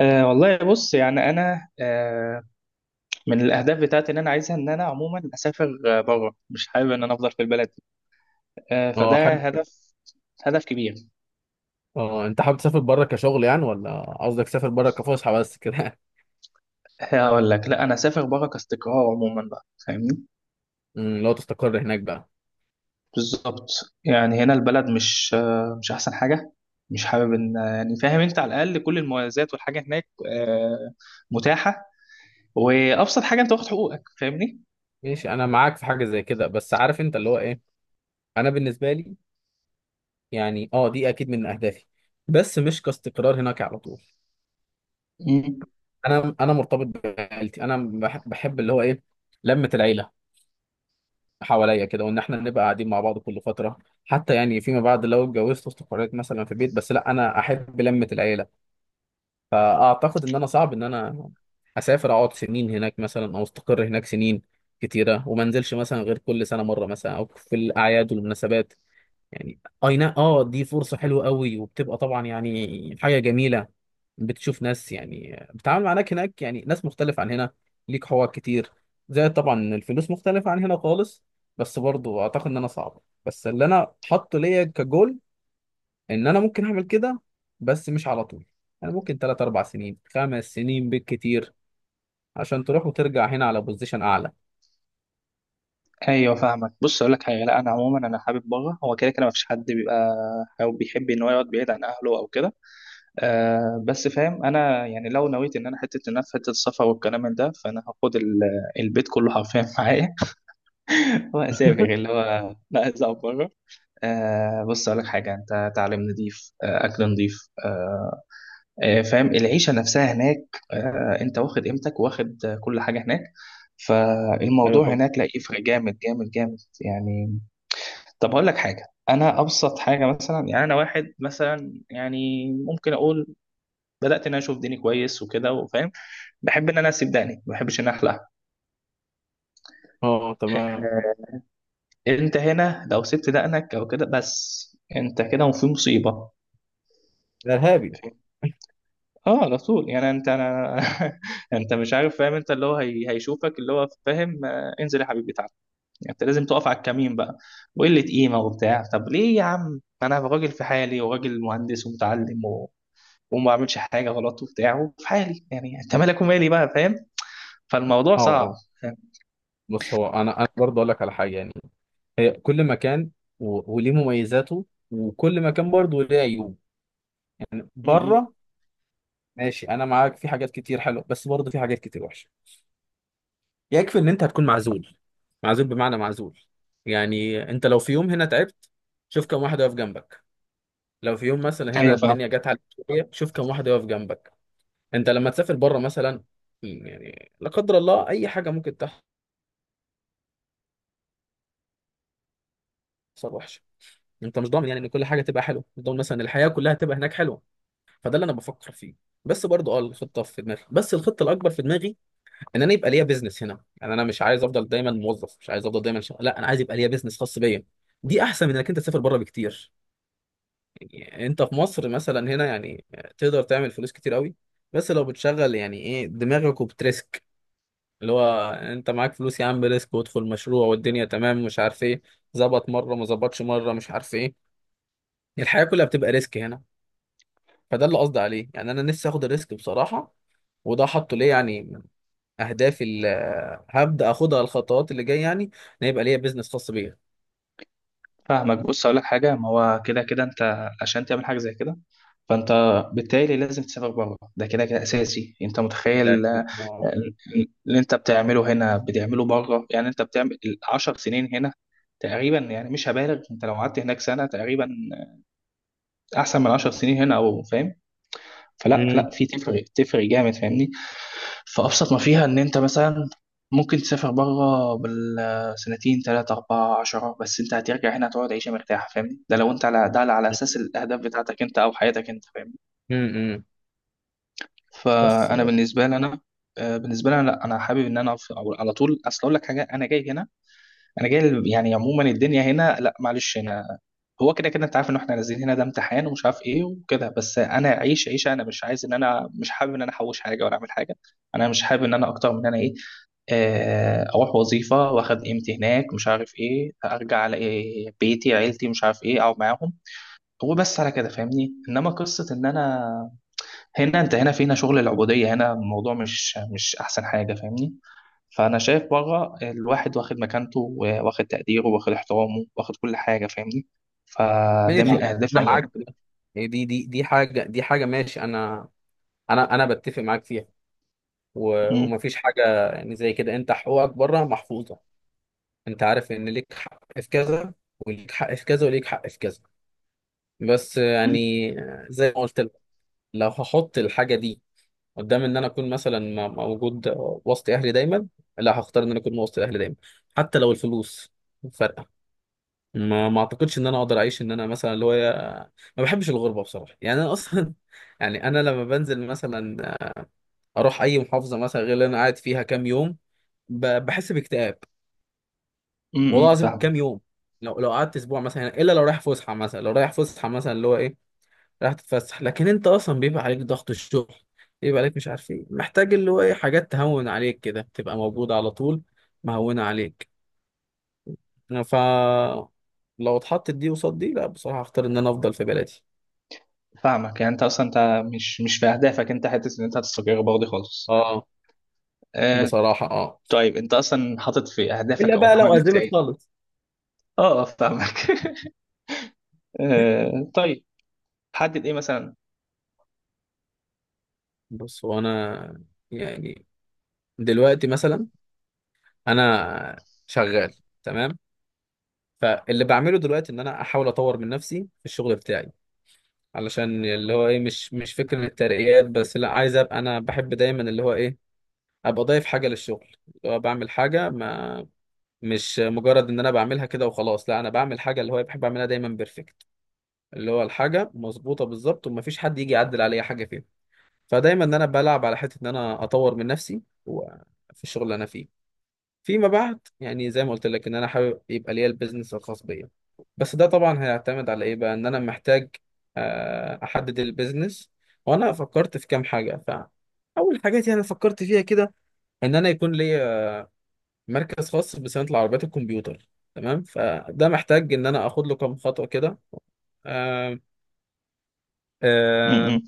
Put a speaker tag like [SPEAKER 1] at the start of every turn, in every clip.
[SPEAKER 1] أه والله بص، يعني انا من الاهداف بتاعتي ان انا عايزها، ان انا عموما اسافر بره. مش حابب ان انا افضل في البلد.
[SPEAKER 2] اه
[SPEAKER 1] فده
[SPEAKER 2] حابب.
[SPEAKER 1] هدف كبير.
[SPEAKER 2] اه، انت حابب تسافر بره كشغل، يعني ولا قصدك تسافر بره كفسحه بس كده؟
[SPEAKER 1] هقول لك لا، انا اسافر بره كاستقرار عموما بقى، فاهمني؟
[SPEAKER 2] لو تستقر هناك بقى.
[SPEAKER 1] بالظبط. يعني هنا البلد مش احسن حاجه. مش حابب ان، يعني فاهم انت، على الاقل كل المميزات والحاجه هناك متاحه، وابسط حاجه انت واخد حقوقك.
[SPEAKER 2] ماشي، انا معاك في حاجه زي كده، بس عارف انت اللي هو ايه. انا بالنسبه لي، يعني اه دي اكيد من اهدافي، بس مش كاستقرار هناك على طول.
[SPEAKER 1] فاهمني؟
[SPEAKER 2] انا مرتبط بعائلتي، انا بحب اللي هو ايه، لمه العيله حواليا كده، وان احنا نبقى قاعدين مع بعض كل فتره. حتى يعني فيما بعد لو اتجوزت واستقريت مثلا في بيت، بس لا انا احب لمه العيله. فاعتقد ان انا صعب ان انا اسافر، اقعد سنين هناك مثلا، او استقر هناك سنين كتيره، وما انزلش مثلا غير كل سنه مره مثلا، او في الاعياد والمناسبات. يعني اي نعم، اه دي فرصه حلوه قوي، وبتبقى طبعا يعني حاجه جميله، بتشوف ناس، يعني بتتعامل مع ناس هناك، يعني ناس مختلفه عن هنا، ليك حوار كتير، زي طبعا الفلوس مختلفه عن هنا خالص. بس برضو اعتقد ان انا صعب، بس اللي انا حاطه ليا كجول ان انا ممكن اعمل كده، بس مش على طول. انا ممكن 3، 4 سنين، 5 سنين بالكتير، عشان تروح وترجع هنا على بوزيشن اعلى.
[SPEAKER 1] ايوه فاهمك. بص اقول لك حاجه، لا انا عموما انا حابب بره، هو كده كده ما فيش حد بيبقى او بيحب ان هو يقعد بعيد عن اهله او كده. بس فاهم انا، يعني لو نويت ان انا حته، ان انا في حته السفر والكلام من ده، فانا هاخد البيت كله حرفيا معايا، واسافر، اللي هو لا، عايز اقعد بره. آه، بص اقول لك حاجه، انت تعليم نظيف، اكل نظيف، فاهم العيشه نفسها هناك. آه، انت واخد قيمتك، واخد كل حاجه هناك.
[SPEAKER 2] ايوه
[SPEAKER 1] فالموضوع
[SPEAKER 2] طبعا.
[SPEAKER 1] هناك لا يفرق، جامد جامد جامد يعني. طب اقول لك حاجه، انا ابسط حاجه مثلا، يعني انا واحد مثلا يعني ممكن اقول بدات ان انا اشوف ديني كويس وكده وفاهم، بحب ان انا اسيب دقني، ما بحبش ان أنا احلقها.
[SPEAKER 2] اه تمام.
[SPEAKER 1] انت هنا لو سبت دقنك او كده، بس انت كده وفي مصيبه.
[SPEAKER 2] ارهابي.
[SPEAKER 1] اه، على طول، يعني انت، انا انت مش عارف، فاهم انت اللي هو هيشوفك اللي هو فاهم، انزل يا حبيبي تعالى. يعني انت لازم تقف على الكمين بقى، وقله قيمه وبتاع. طب ليه يا عم، انا راجل في حالي وراجل مهندس ومتعلم، وما بعملش حاجه غلط وبتاع وفي حالي، يعني انت مالك ومالي بقى، فاهم؟ فالموضوع
[SPEAKER 2] اه،
[SPEAKER 1] صعب.
[SPEAKER 2] اه، بص هو انا برضه اقول لك على حاجه، يعني هي كل مكان، و... وليه مميزاته، وكل مكان برضه ليه عيوب، يعني
[SPEAKER 1] م-م.
[SPEAKER 2] بره. ماشي، انا معاك في حاجات كتير حلوه، بس برضه في حاجات كتير وحشه، يكفي ان انت هتكون معزول، معزول بمعنى معزول. يعني انت لو في يوم هنا تعبت، شوف كم واحد واقف جنبك. لو في يوم مثلا هنا
[SPEAKER 1] ايوه فاهم.
[SPEAKER 2] الدنيا جت عليك شويه، شوف كم واحد يقف جنبك. انت لما تسافر بره مثلا، يعني لا قدر الله اي حاجه ممكن تحصل وحشه، انت مش ضامن يعني ان كل حاجه تبقى حلوه، مش ضامن مثلا الحياه كلها تبقى هناك حلوه. فده اللي انا بفكر فيه. بس برضه اه الخطه في دماغي، بس الخطه الاكبر في دماغي ان انا يبقى ليا بيزنس هنا. يعني انا مش عايز افضل دايما موظف، مش عايز افضل دايما شغال، لا انا عايز يبقى ليا بيزنس خاص بيا. دي احسن من انك انت تسافر بره بكتير. يعني انت في مصر مثلا هنا، يعني تقدر تعمل فلوس كتير قوي، بس لو بتشغل يعني ايه دماغك وبتريسك، اللي هو انت معاك فلوس يا عم، ريسك وادخل مشروع والدنيا تمام مش عارف ايه، ظبط مره ما ظبطش مره مش عارف ايه، الحياه كلها بتبقى ريسك هنا. فده اللي قصدي عليه، يعني انا نفسي اخد الريسك بصراحه، وده حاطه ليه يعني من اهدافي اللي هبدا اخدها الخطوات اللي جايه، يعني ان يبقى ليا بيزنس خاص بيا.
[SPEAKER 1] فاهمك. بص اقول لك حاجه، ما هو كده كده انت عشان تعمل حاجه زي كده فانت بالتالي لازم تسافر بره، ده كده كده اساسي. انت
[SPEAKER 2] ده
[SPEAKER 1] متخيل؟
[SPEAKER 2] أكيد. آه.
[SPEAKER 1] اللي انت بتعمله هنا بتعمله بره. يعني انت بتعمل 10 سنين هنا تقريبا، يعني مش هبالغ، انت لو قعدت هناك سنه تقريبا، احسن من 10 سنين هنا، او فاهم. فلا لا،
[SPEAKER 2] امم.
[SPEAKER 1] في تفرق جامد، فاهمني؟ فأبسط ما فيها إن أنت مثلا ممكن تسافر بره بالسنتين تلاتة أربعة عشرة، بس أنت هترجع هنا هتقعد عيشة مرتاحة. فاهمني؟ ده لو أنت على ده، على أساس الأهداف بتاعتك أنت أو حياتك أنت. فاهمني؟
[SPEAKER 2] امم. أمم. بس
[SPEAKER 1] فأنا بالنسبة لي أنا آه، بالنسبة لي أنا، لأ أنا حابب إن أنا أو على طول، أصل أقول لك حاجة. أنا جاي هنا، أنا جاي يعني عموما الدنيا هنا، لأ معلش، هنا هو كده كده، أنت عارف إن إحنا نازلين هنا ده امتحان ومش عارف إيه وكده. بس أنا أعيش عيشة، أنا مش عايز إن أنا، مش حابب إن أنا أحوش حاجة ولا أعمل حاجة. أنا مش حابب إن أنا أكتر من أنا إيه. اروح وظيفه واخد قيمتي هناك مش عارف ايه، ارجع على إيه بيتي عيلتي مش عارف ايه، اقعد معاهم وبس. على كده فاهمني. انما قصه ان انا هنا، انت هنا فينا شغل العبوديه، هنا الموضوع مش احسن حاجه، فاهمني؟ فانا شايف بره الواحد واخد مكانته واخد تقديره واخد احترامه واخد كل حاجه، فاهمني؟ فده
[SPEAKER 2] ماشي يعني
[SPEAKER 1] من اهدافي
[SPEAKER 2] انا
[SPEAKER 1] عموما.
[SPEAKER 2] معاك في ده. يعني دي حاجه ماشي، انا بتفق معاك فيها. و-
[SPEAKER 1] م-
[SPEAKER 2] ومفيش حاجه يعني زي كده، انت حقوقك بره محفوظه، انت عارف ان ليك حق في كذا، وليك حق في كذا، وليك حق في كذا. بس يعني زي ما قلت لك، لو هحط الحاجه دي قدام ان انا اكون مثلا موجود وسط اهلي دايما، لا هختار ان انا اكون وسط اهلي دايما، حتى لو الفلوس فرق. ما اعتقدش ان انا اقدر اعيش ان انا مثلا اللي هو، ما بحبش الغربه بصراحه، يعني انا اصلا يعني انا لما بنزل مثلا اروح اي محافظه مثلا غير اللي انا قاعد فيها كام يوم، بحس باكتئاب،
[SPEAKER 1] م-
[SPEAKER 2] والله
[SPEAKER 1] م-
[SPEAKER 2] العظيم كام
[SPEAKER 1] فاهمك
[SPEAKER 2] يوم. لو قعدت اسبوع مثلا هنا، الا لو رايح فسحه، مثلا لو رايح فسحه مثلا اللي هو ايه، رايح تتفسح، لكن انت اصلا بيبقى عليك ضغط الشغل، بيبقى عليك مش عارف ايه، محتاج اللي هو ايه حاجات تهون عليك كده تبقى موجوده على طول، مهونه عليك. ف لو اتحطت دي وصاد دي، لا بصراحه هختار ان انا افضل في بلدي.
[SPEAKER 1] فاهمك يعني انت اصلا انت مش في اهدافك، انت حته ان انت هتستقر برضه خالص.
[SPEAKER 2] اه،
[SPEAKER 1] آه،
[SPEAKER 2] بصراحة اه،
[SPEAKER 1] طيب انت اصلا حاطط في اهدافك
[SPEAKER 2] الا
[SPEAKER 1] او
[SPEAKER 2] بقى لو
[SPEAKER 1] مهمك
[SPEAKER 2] ازمت
[SPEAKER 1] ايه؟
[SPEAKER 2] خالص.
[SPEAKER 1] فاهمك طيب، حدد ايه مثلا؟
[SPEAKER 2] بص هو انا يعني دلوقتي مثلا انا شغال، تمام، فاللي بعمله دلوقتي ان انا احاول اطور من نفسي في الشغل بتاعي، علشان اللي هو ايه مش فكرة الترقيات بس، لا عايز ابقى، انا بحب دايما اللي هو ايه، ابقى ضايف حاجة للشغل، اللي هو بعمل حاجة ما، مش مجرد ان انا بعملها كده وخلاص، لا انا بعمل حاجة اللي هو بحب اعملها دايما بيرفكت، اللي هو الحاجة مظبوطة بالظبط، ومفيش حد يجي يعدل عليا حاجة فيها، فدايما ان انا بلعب على حته ان انا اطور من نفسي وفي الشغل اللي انا فيه. فيما بعد يعني زي ما قلت لك ان انا حابب يبقى ليا البيزنس الخاص بيا، بس ده طبعا هيعتمد على ايه بقى، ان انا محتاج احدد البيزنس. وانا فكرت في كام حاجه، فاول حاجات يعني فكرت فيها كده ان انا يكون ليا مركز خاص بصيانه العربيات الكمبيوتر. تمام، فده محتاج ان انا اخد له كام خطوه كده، آه،
[SPEAKER 1] م-
[SPEAKER 2] آه،
[SPEAKER 1] م.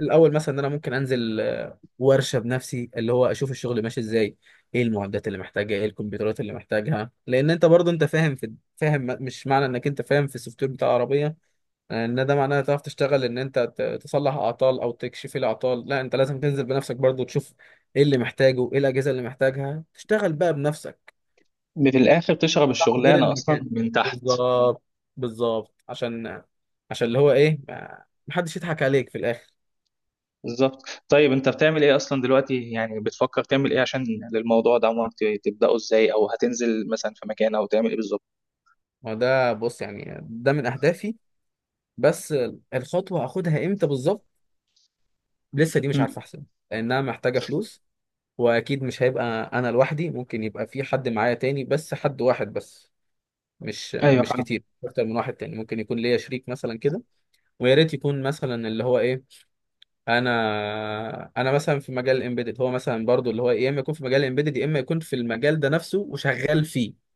[SPEAKER 2] الاول مثلا ان انا ممكن انزل ورشه بنفسي، اللي هو اشوف الشغل ماشي ازاي، ايه المعدات اللي محتاجها، ايه الكمبيوترات اللي محتاجها. لان انت برضه انت فاهم، مش معنى انك انت فاهم في السوفت وير بتاع العربيه ان ده معناه تعرف تشتغل ان انت تصلح اعطال او تكشف الاعطال، لا انت لازم تنزل بنفسك برضه تشوف ايه اللي محتاجه، ايه الاجهزه اللي محتاجها، تشتغل بقى بنفسك،
[SPEAKER 1] في الاخر تشرب
[SPEAKER 2] تحضير
[SPEAKER 1] الشغلانه اصلا
[SPEAKER 2] المكان،
[SPEAKER 1] من تحت.
[SPEAKER 2] بالظبط. بالظبط عشان اللي هو ايه محدش يضحك عليك في الاخر.
[SPEAKER 1] بالظبط. طيب انت بتعمل ايه اصلا دلوقتي؟ يعني بتفكر تعمل ايه عشان للموضوع ده، عمرك تبداه ازاي، او هتنزل مثلا في مكان، او تعمل ايه بالظبط؟
[SPEAKER 2] ما ده، بص يعني ده من اهدافي، بس الخطوة هاخدها امتى بالظبط لسه دي مش
[SPEAKER 1] م.
[SPEAKER 2] عارف، احسن لانها محتاجة فلوس، واكيد مش هيبقى انا لوحدي، ممكن يبقى في حد معايا تاني، بس حد واحد بس، مش
[SPEAKER 1] ايوه
[SPEAKER 2] مش
[SPEAKER 1] فاهم.
[SPEAKER 2] كتير اكتر من واحد تاني، ممكن يكون ليا شريك مثلا كده. ويا ريت يكون مثلا اللي هو ايه، انا مثلا في مجال الامبيدد، هو مثلا برضو اللي هو إيه، يا اما يكون في مجال الامبيدد يا اما يكون في المجال ده نفسه وشغال فيه،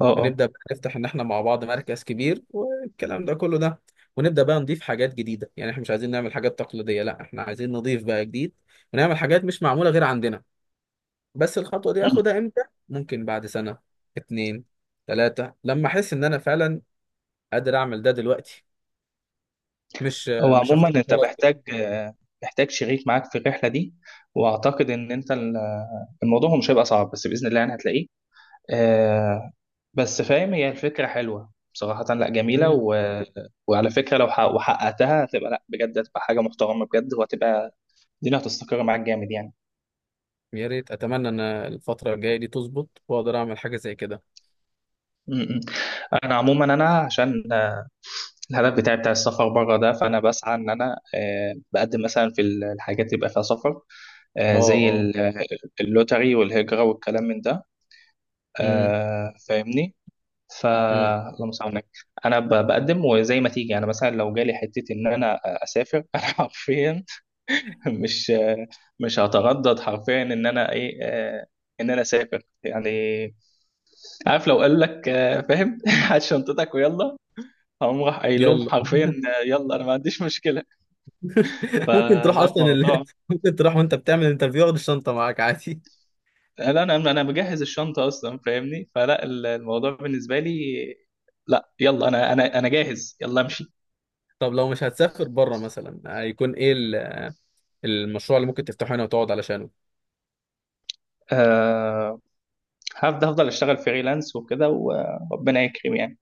[SPEAKER 1] اه اه.
[SPEAKER 2] ونبدأ بقى نفتح إن إحنا مع بعض مركز كبير والكلام ده كله ده، ونبدأ بقى نضيف حاجات جديدة، يعني إحنا مش عايزين نعمل حاجات تقليدية، لا إحنا عايزين نضيف بقى جديد، ونعمل حاجات مش معمولة غير عندنا. بس الخطوة دي
[SPEAKER 1] م.
[SPEAKER 2] آخدها إمتى؟ ممكن بعد سنة، 2، 3، لما أحس إن أنا فعلا قادر أعمل ده دلوقتي، مش
[SPEAKER 1] هو
[SPEAKER 2] مش هخش
[SPEAKER 1] عموما انت
[SPEAKER 2] خلاص.
[SPEAKER 1] محتاج، محتاج شريك معاك في الرحله دي. واعتقد ان انت الموضوع مش هيبقى صعب، بس باذن الله يعني هتلاقيه. آه، بس فاهم، هي الفكرة حلوة بصراحة، لا جميلة.
[SPEAKER 2] مم.
[SPEAKER 1] وعلى فكرة لو وحققتها، هتبقى لا بجد، هتبقى حاجة محترمة بجد، وهتبقى الدنيا هتستقر معاك جامد يعني.
[SPEAKER 2] يا ريت، أتمنى إن الفترة الجاية دي تظبط، وأقدر أعمل حاجة زي كده.
[SPEAKER 1] م- م. أنا عموما أنا، عشان الهدف بتاعي بتاع السفر بره ده، فأنا بسعى إن أنا بقدم مثلا في الحاجات اللي يبقى فيها سفر،
[SPEAKER 2] أه،
[SPEAKER 1] زي
[SPEAKER 2] أه.
[SPEAKER 1] اللوتري والهجرة والكلام من ده.
[SPEAKER 2] مم.
[SPEAKER 1] فاهمني؟ ف
[SPEAKER 2] مم.
[SPEAKER 1] اللهم صل على النبي. انا بقدم، وزي ما تيجي انا مثلا لو جالي حته ان انا اسافر انا حرفيا مش مش هتردد حرفيا ان انا ايه، ان انا اسافر يعني. عارف لو قال لك آه، فاهم هات شنطتك ويلا، هقوم راح قايل لهم
[SPEAKER 2] يلا.
[SPEAKER 1] حرفيا، يلا انا ما عنديش مشكله.
[SPEAKER 2] ممكن
[SPEAKER 1] فلا
[SPEAKER 2] تروح اصلا.
[SPEAKER 1] الموضوع،
[SPEAKER 2] ممكن تروح وانت بتعمل انترفيو واخد الشنطه معاك عادي.
[SPEAKER 1] لا، انا انا مجهز الشنطه اصلا فاهمني، فلا الموضوع بالنسبه لي، لا، يلا انا جاهز، يلا امشي.
[SPEAKER 2] طب لو مش هتسافر بره مثلا، هيكون ايه المشروع اللي ممكن تفتحه هنا وتقعد علشانه؟
[SPEAKER 1] أه، هفضل اشتغل فريلانس وكده، وربنا يكرم يعني.